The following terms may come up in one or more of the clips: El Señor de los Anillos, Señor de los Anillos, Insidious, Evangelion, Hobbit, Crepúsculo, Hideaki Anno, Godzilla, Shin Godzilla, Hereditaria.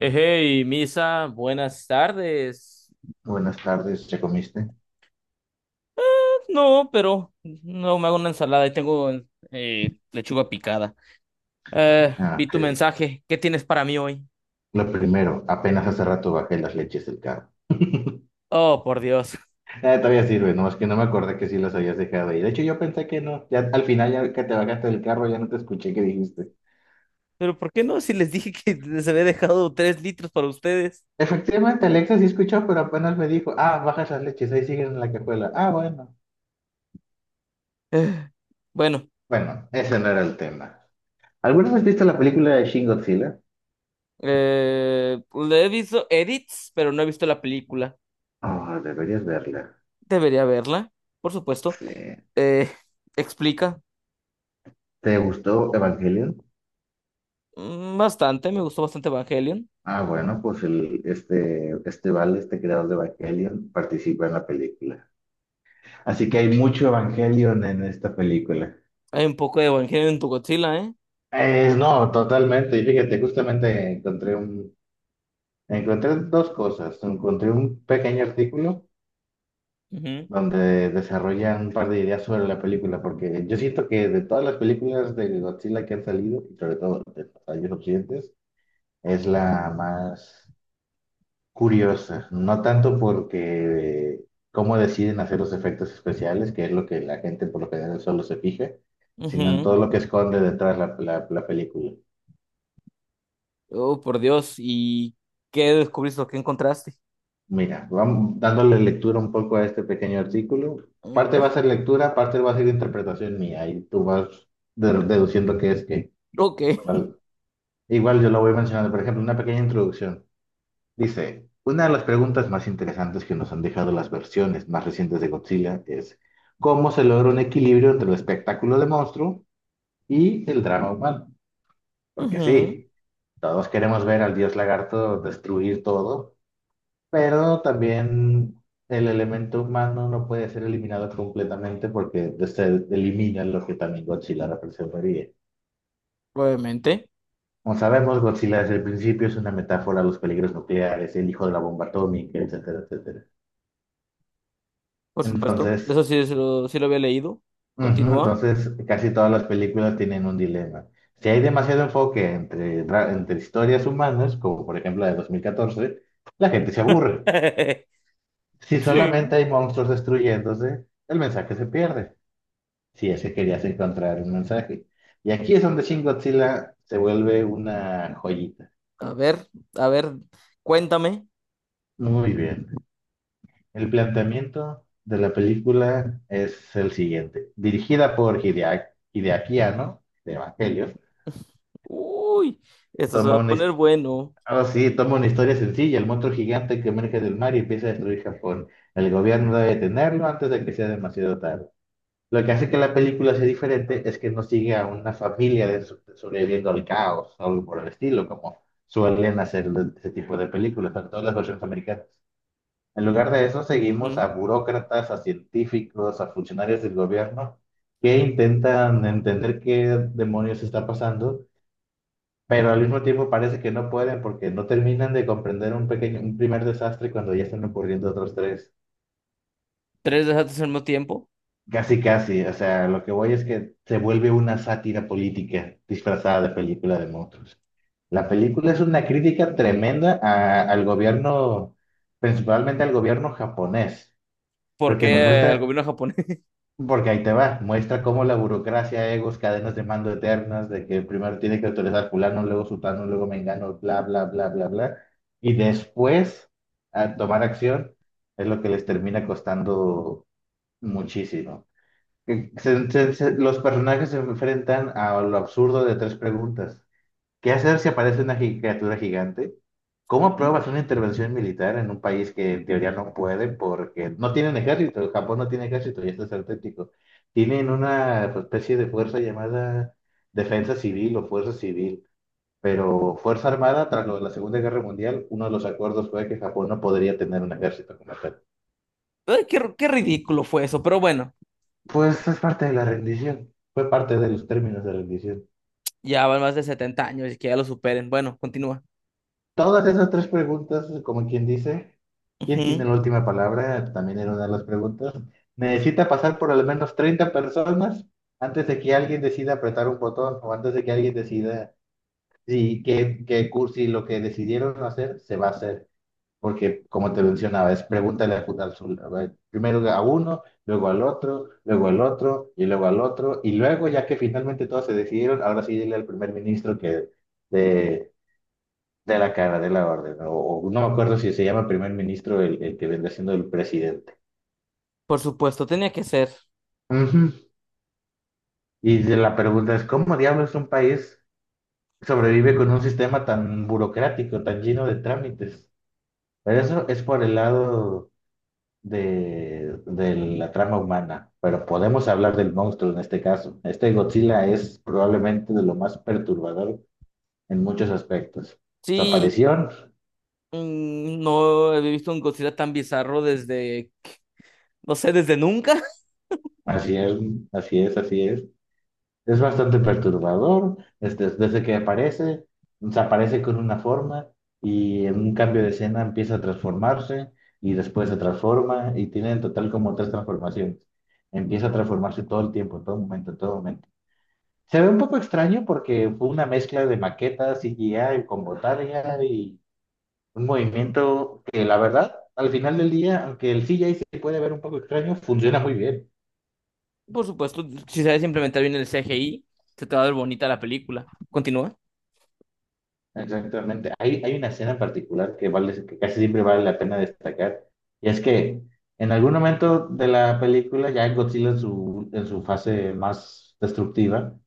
Hey, Misa, buenas tardes. Buenas tardes, ¿ya comiste? No, pero no me hago una ensalada y tengo lechuga picada. Eh, Ah, vi ok. tu mensaje. ¿Qué tienes para mí hoy? Lo primero, apenas hace rato bajé las leches del carro. Oh, por Dios. Todavía sirve, no, es que no me acordé que sí las habías dejado ahí. De hecho, yo pensé que no. Ya al final, ya que te bajaste del carro, ya no te escuché qué dijiste. Pero ¿por qué no? Si les dije que les había dejado tres litros para ustedes. Efectivamente, Alexa sí escuchó, pero apenas me dijo, ah, bajas las leches, ahí siguen en la cajuela. Ah, bueno. Eh, Bueno, Bueno, ese no era el tema. ¿Alguna vez viste la película de Shin Godzilla? eh, pues, le he visto edits, pero no he visto la película. Oh, deberías verla. Debería verla, por supuesto. Sí. Eh, explica ¿Te gustó Evangelion? mm, bastante, me gustó bastante Evangelion. Ah, bueno, pues el, este Val, este creador de Evangelion, participa en la película. Así que hay mucho Evangelion en esta película. Hay un poco de Evangelion en tu Godzilla, ¿eh? No, totalmente. Y fíjate, justamente encontré dos cosas. Encontré un pequeño artículo Ujú. donde desarrollan un par de ideas sobre la película, porque yo siento que de todas las películas de Godzilla que han salido, y sobre todo de los occidentes, es la más curiosa, no tanto porque cómo deciden hacer los efectos especiales, que es lo que la gente por lo general solo se fija, sino en todo Ujú. lo que esconde detrás la película. Oh, por Dios. ¿Y qué descubriste o qué encontraste? Mira, vamos dándole lectura un poco a este pequeño artículo. A Parte va a ver. ser lectura, parte va a ser interpretación mía, y tú vas deduciendo qué es qué. Ok, ¿Vale? Igual yo lo voy mencionando, por ejemplo, una pequeña introducción. Dice, una de las preguntas más interesantes que nos han dejado las versiones más recientes de Godzilla es, ¿cómo se logra un equilibrio entre el espectáculo de monstruo y el drama humano? Porque ujú. sí, todos queremos ver al dios lagarto destruir todo, pero también el elemento humano no puede ser eliminado completamente porque se elimina lo que también Godzilla representaría. Probablemente. Como sabemos, Godzilla desde el principio es una metáfora a los peligros nucleares, el hijo de la bomba atómica, etcétera, etcétera. Por supuesto. Entonces, Eso sí, sí lo había leído. ujú, Continúa. entonces, casi todas las películas tienen un dilema. Si hay demasiado enfoque entre historias humanas, como por ejemplo la de 2014, la gente se aburre. Si Sí. solamente hay monstruos destruyéndose, el mensaje se pierde. Si ese querías encontrar un mensaje. Y aquí es donde Shin Godzilla se vuelve una joyita. A ver, a ver, cuéntame. Muy bien. El planteamiento de la película es el siguiente. Dirigida por Hideaki Anno, de Evangelion, Uy, esto se va toma a una, poner bueno. ahora sí, toma una historia sencilla, el monstruo gigante que emerge del mar y empieza a destruir Japón. El gobierno debe detenerlo antes de que sea demasiado tarde. Lo que hace que la película sea diferente es que no sigue a una familia sobreviviendo al caos o algo por el estilo, como suelen hacer ese tipo de películas, sobre todo las versiones americanas. En lugar de eso, seguimos a Ujú. burócratas, a científicos, a funcionarios del gobierno que intentan entender qué demonios está pasando, pero al mismo tiempo parece que no pueden porque no terminan de comprender un primer desastre cuando ya están ocurriendo otros tres. Tres desastres al mismo tiempo. Casi, casi. O sea, lo que voy es que se vuelve una sátira política disfrazada de película de monstruos. La película es una crítica tremenda al gobierno, principalmente al gobierno japonés, ¿Por porque nos qué el muestra gobierno japonés? porque ahí te va, muestra cómo la burocracia, egos, cadenas de mando eternas, de que primero tiene que autorizar fulano, luego sutano, luego mengano, bla, bla, bla, bla, bla, y después a tomar acción es lo que les termina costando muchísimo. Que los personajes se enfrentan a lo absurdo de tres preguntas. ¿Qué hacer si aparece una criatura gigante? ¿Cómo Ujú. apruebas una intervención militar en un país que en teoría no puede porque no tienen ejército? Japón no tiene ejército y esto es auténtico. Tienen una especie de fuerza llamada defensa civil o fuerza civil, pero Fuerza Armada, tras lo de la Segunda Guerra Mundial, uno de los acuerdos fue que Japón no podría tener un ejército como tal. Ay, qué, qué ridículo fue eso. Pero bueno, Pues es parte de la rendición, fue parte de los términos de rendición. ya van más de 70 años y que ya lo superen. Bueno, continúa. Todas esas tres preguntas, como quien dice, ¿quién tiene la última palabra? También era una de las preguntas. Necesita pasar por al menos 30 personas antes de que alguien decida apretar un botón o antes de que alguien decida si que, que cursi lo que decidieron hacer se va a hacer. Porque, como te mencionaba, es pregúntale a ver, primero a uno, luego al otro y luego al otro. Y luego, ya que finalmente todos se decidieron, ahora sí dile al primer ministro que, de la cara de la orden, o no me acuerdo si se llama primer ministro el que vendrá siendo el presidente. Por supuesto, tenía que ser. Ujú. Y de la pregunta es, ¿cómo diablos un país sobrevive con un sistema tan burocrático, tan lleno de trámites? Pero eso es por el lado de la trama humana, pero podemos hablar del monstruo en este caso. Este Godzilla es probablemente de lo más perturbador en muchos aspectos. Su Sí, aparición, mm, no había visto un Godzilla tan bizarro desde, no sé, desde nunca. así es, así es, así es. Es bastante perturbador, desde que aparece, se aparece con una forma y en un cambio de escena empieza a transformarse y después se transforma y tiene en total como tres transformaciones. Empieza a transformarse todo el tiempo, en todo momento, en todo momento. Se ve un poco extraño porque fue una mezcla de maquetas, CGI con botaria y un movimiento que la verdad, al final del día, aunque el CGI se puede ver un poco extraño, funciona muy bien. Por supuesto, si sabes implementar bien el CGI, se te va a ver bonita la película. Continúa. Exactamente. Hay una escena en particular que casi siempre vale la pena destacar, y es que en algún momento de la película, ya Godzilla en su fase más destructiva,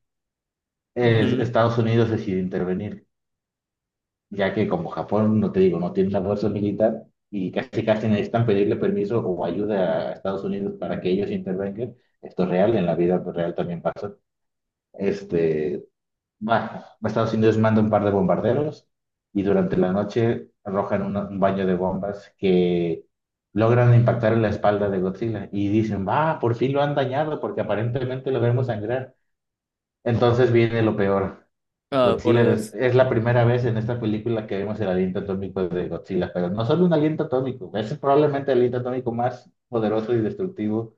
Ujú. Estados Unidos decide intervenir, ya que como Japón, no te digo, no tiene la fuerza militar y casi casi necesitan pedirle permiso o ayuda a Estados Unidos para que ellos intervengan. Esto es real, en la vida real también pasa. Este, bueno, Estados Unidos manda un par de bombarderos y durante la noche arrojan un baño de bombas que logran impactar en la espalda de Godzilla y dicen, va, por fin lo han dañado porque aparentemente lo vemos sangrar. Entonces viene lo peor. Ah, por Dios. Es la primera vez en esta película que vemos el aliento atómico de Godzilla, pero no solo un aliento atómico, es probablemente el aliento atómico más poderoso y destructivo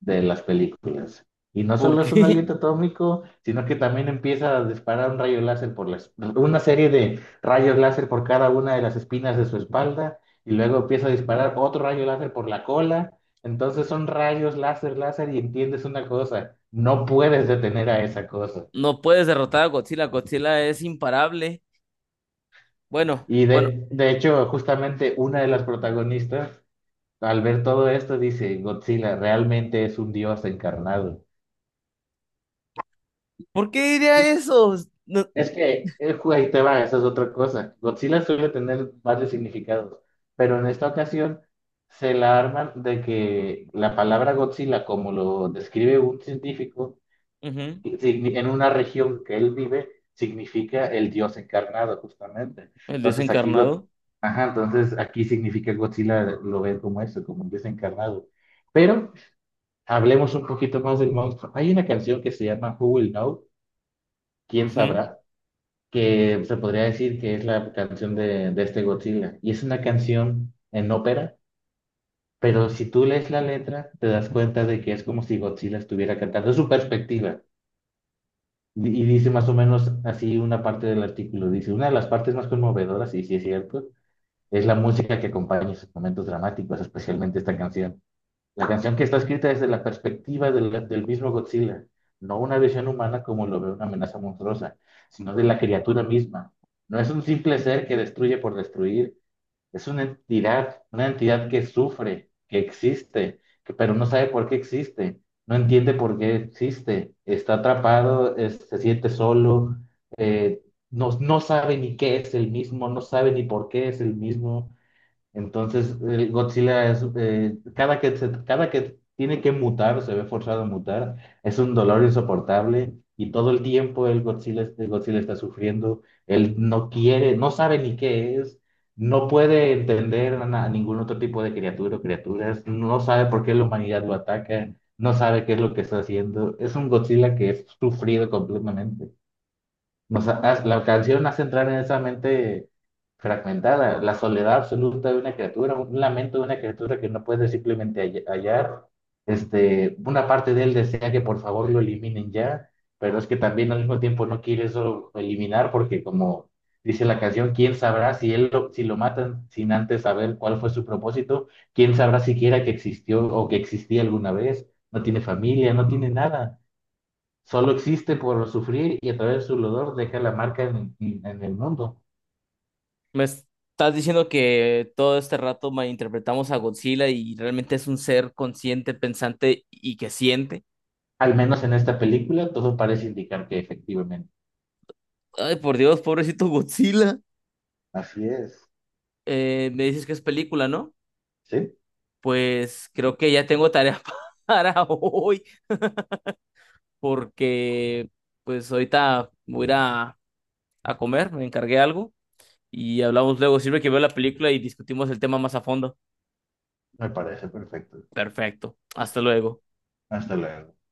de las películas. Y no ¿Por solo es un qué? aliento atómico, sino que también empieza a disparar un rayo láser por una serie de rayos láser por cada una de las espinas de su espalda, y luego empieza a disparar otro rayo láser por la cola. Entonces son rayos láser, láser, y entiendes una cosa, no puedes detener a esa cosa. No puedes derrotar a Godzilla. Godzilla es imparable. Bueno, Y bueno, de hecho, justamente una de las protagonistas, al ver todo esto, dice, Godzilla realmente es un dios encarnado. ¿Por qué diría eso? No- Es que el juego ahí te va, esa es otra cosa. Godzilla suele tener varios significados, pero en esta ocasión se la arman de que la palabra Godzilla, como lo describe un científico, Ujú. En una región que él vive, significa el dios encarnado, justamente. El dios Entonces aquí, encarnado. ajá, entonces aquí significa Godzilla, lo ven como eso, como un dios encarnado. Pero hablemos un poquito más del monstruo. Hay una canción que se llama Who Will Know, ¿quién sabrá? Que se podría decir que es la canción de este Godzilla. Y es una canción en ópera, pero si tú lees la letra, te das cuenta de que es como si Godzilla estuviera cantando. Es su perspectiva. Y dice más o menos así una parte del artículo. Dice, una de las partes más conmovedoras, y sí es cierto, es la música que acompaña esos momentos dramáticos, especialmente esta canción. La canción que está escrita desde la perspectiva del mismo Godzilla, no una visión humana como lo ve una amenaza monstruosa, sino de la criatura misma. No es un simple ser que destruye por destruir, es una entidad que sufre, que existe, pero no sabe por qué existe, no entiende por qué existe, está atrapado, se siente solo, eh, no, no sabe ni qué es el mismo, no sabe ni por qué es el mismo. Entonces, el Godzilla es, cada que tiene que mutar, se ve forzado a mutar, es un dolor insoportable y todo el tiempo el Godzilla está sufriendo, él no quiere, no sabe ni qué es, no puede entender a ningún otro tipo de criatura o criaturas, no sabe por qué la humanidad lo ataca, no sabe qué es lo que está haciendo, es un Godzilla que es sufrido completamente. La canción hace entrar en esa mente fragmentada, la soledad absoluta de una criatura, un lamento de una criatura que no puede simplemente hallar. Una parte de él desea que por favor lo eliminen ya, pero es que también al mismo tiempo no quiere eso eliminar porque como dice la canción, ¿quién sabrá si lo matan sin antes saber cuál fue su propósito? ¿Quién sabrá siquiera que existió o que existía alguna vez? No tiene familia, no tiene nada. Solo existe por sufrir y a través de su dolor deja la marca en el mundo. Me estás diciendo que todo este rato malinterpretamos a Godzilla y realmente es un ser consciente, pensante y que siente. Al menos en esta película todo parece indicar que efectivamente. Ay, por Dios, pobrecito Godzilla. Así es. Me dices que es película, ¿no? Sí, Pues creo que ya tengo tarea para hoy porque pues ahorita voy a ir a comer, me encargué algo y hablamos luego. Sirve que veo la película y discutimos el tema más a fondo. me parece perfecto. Perfecto. Hasta luego. Hasta luego.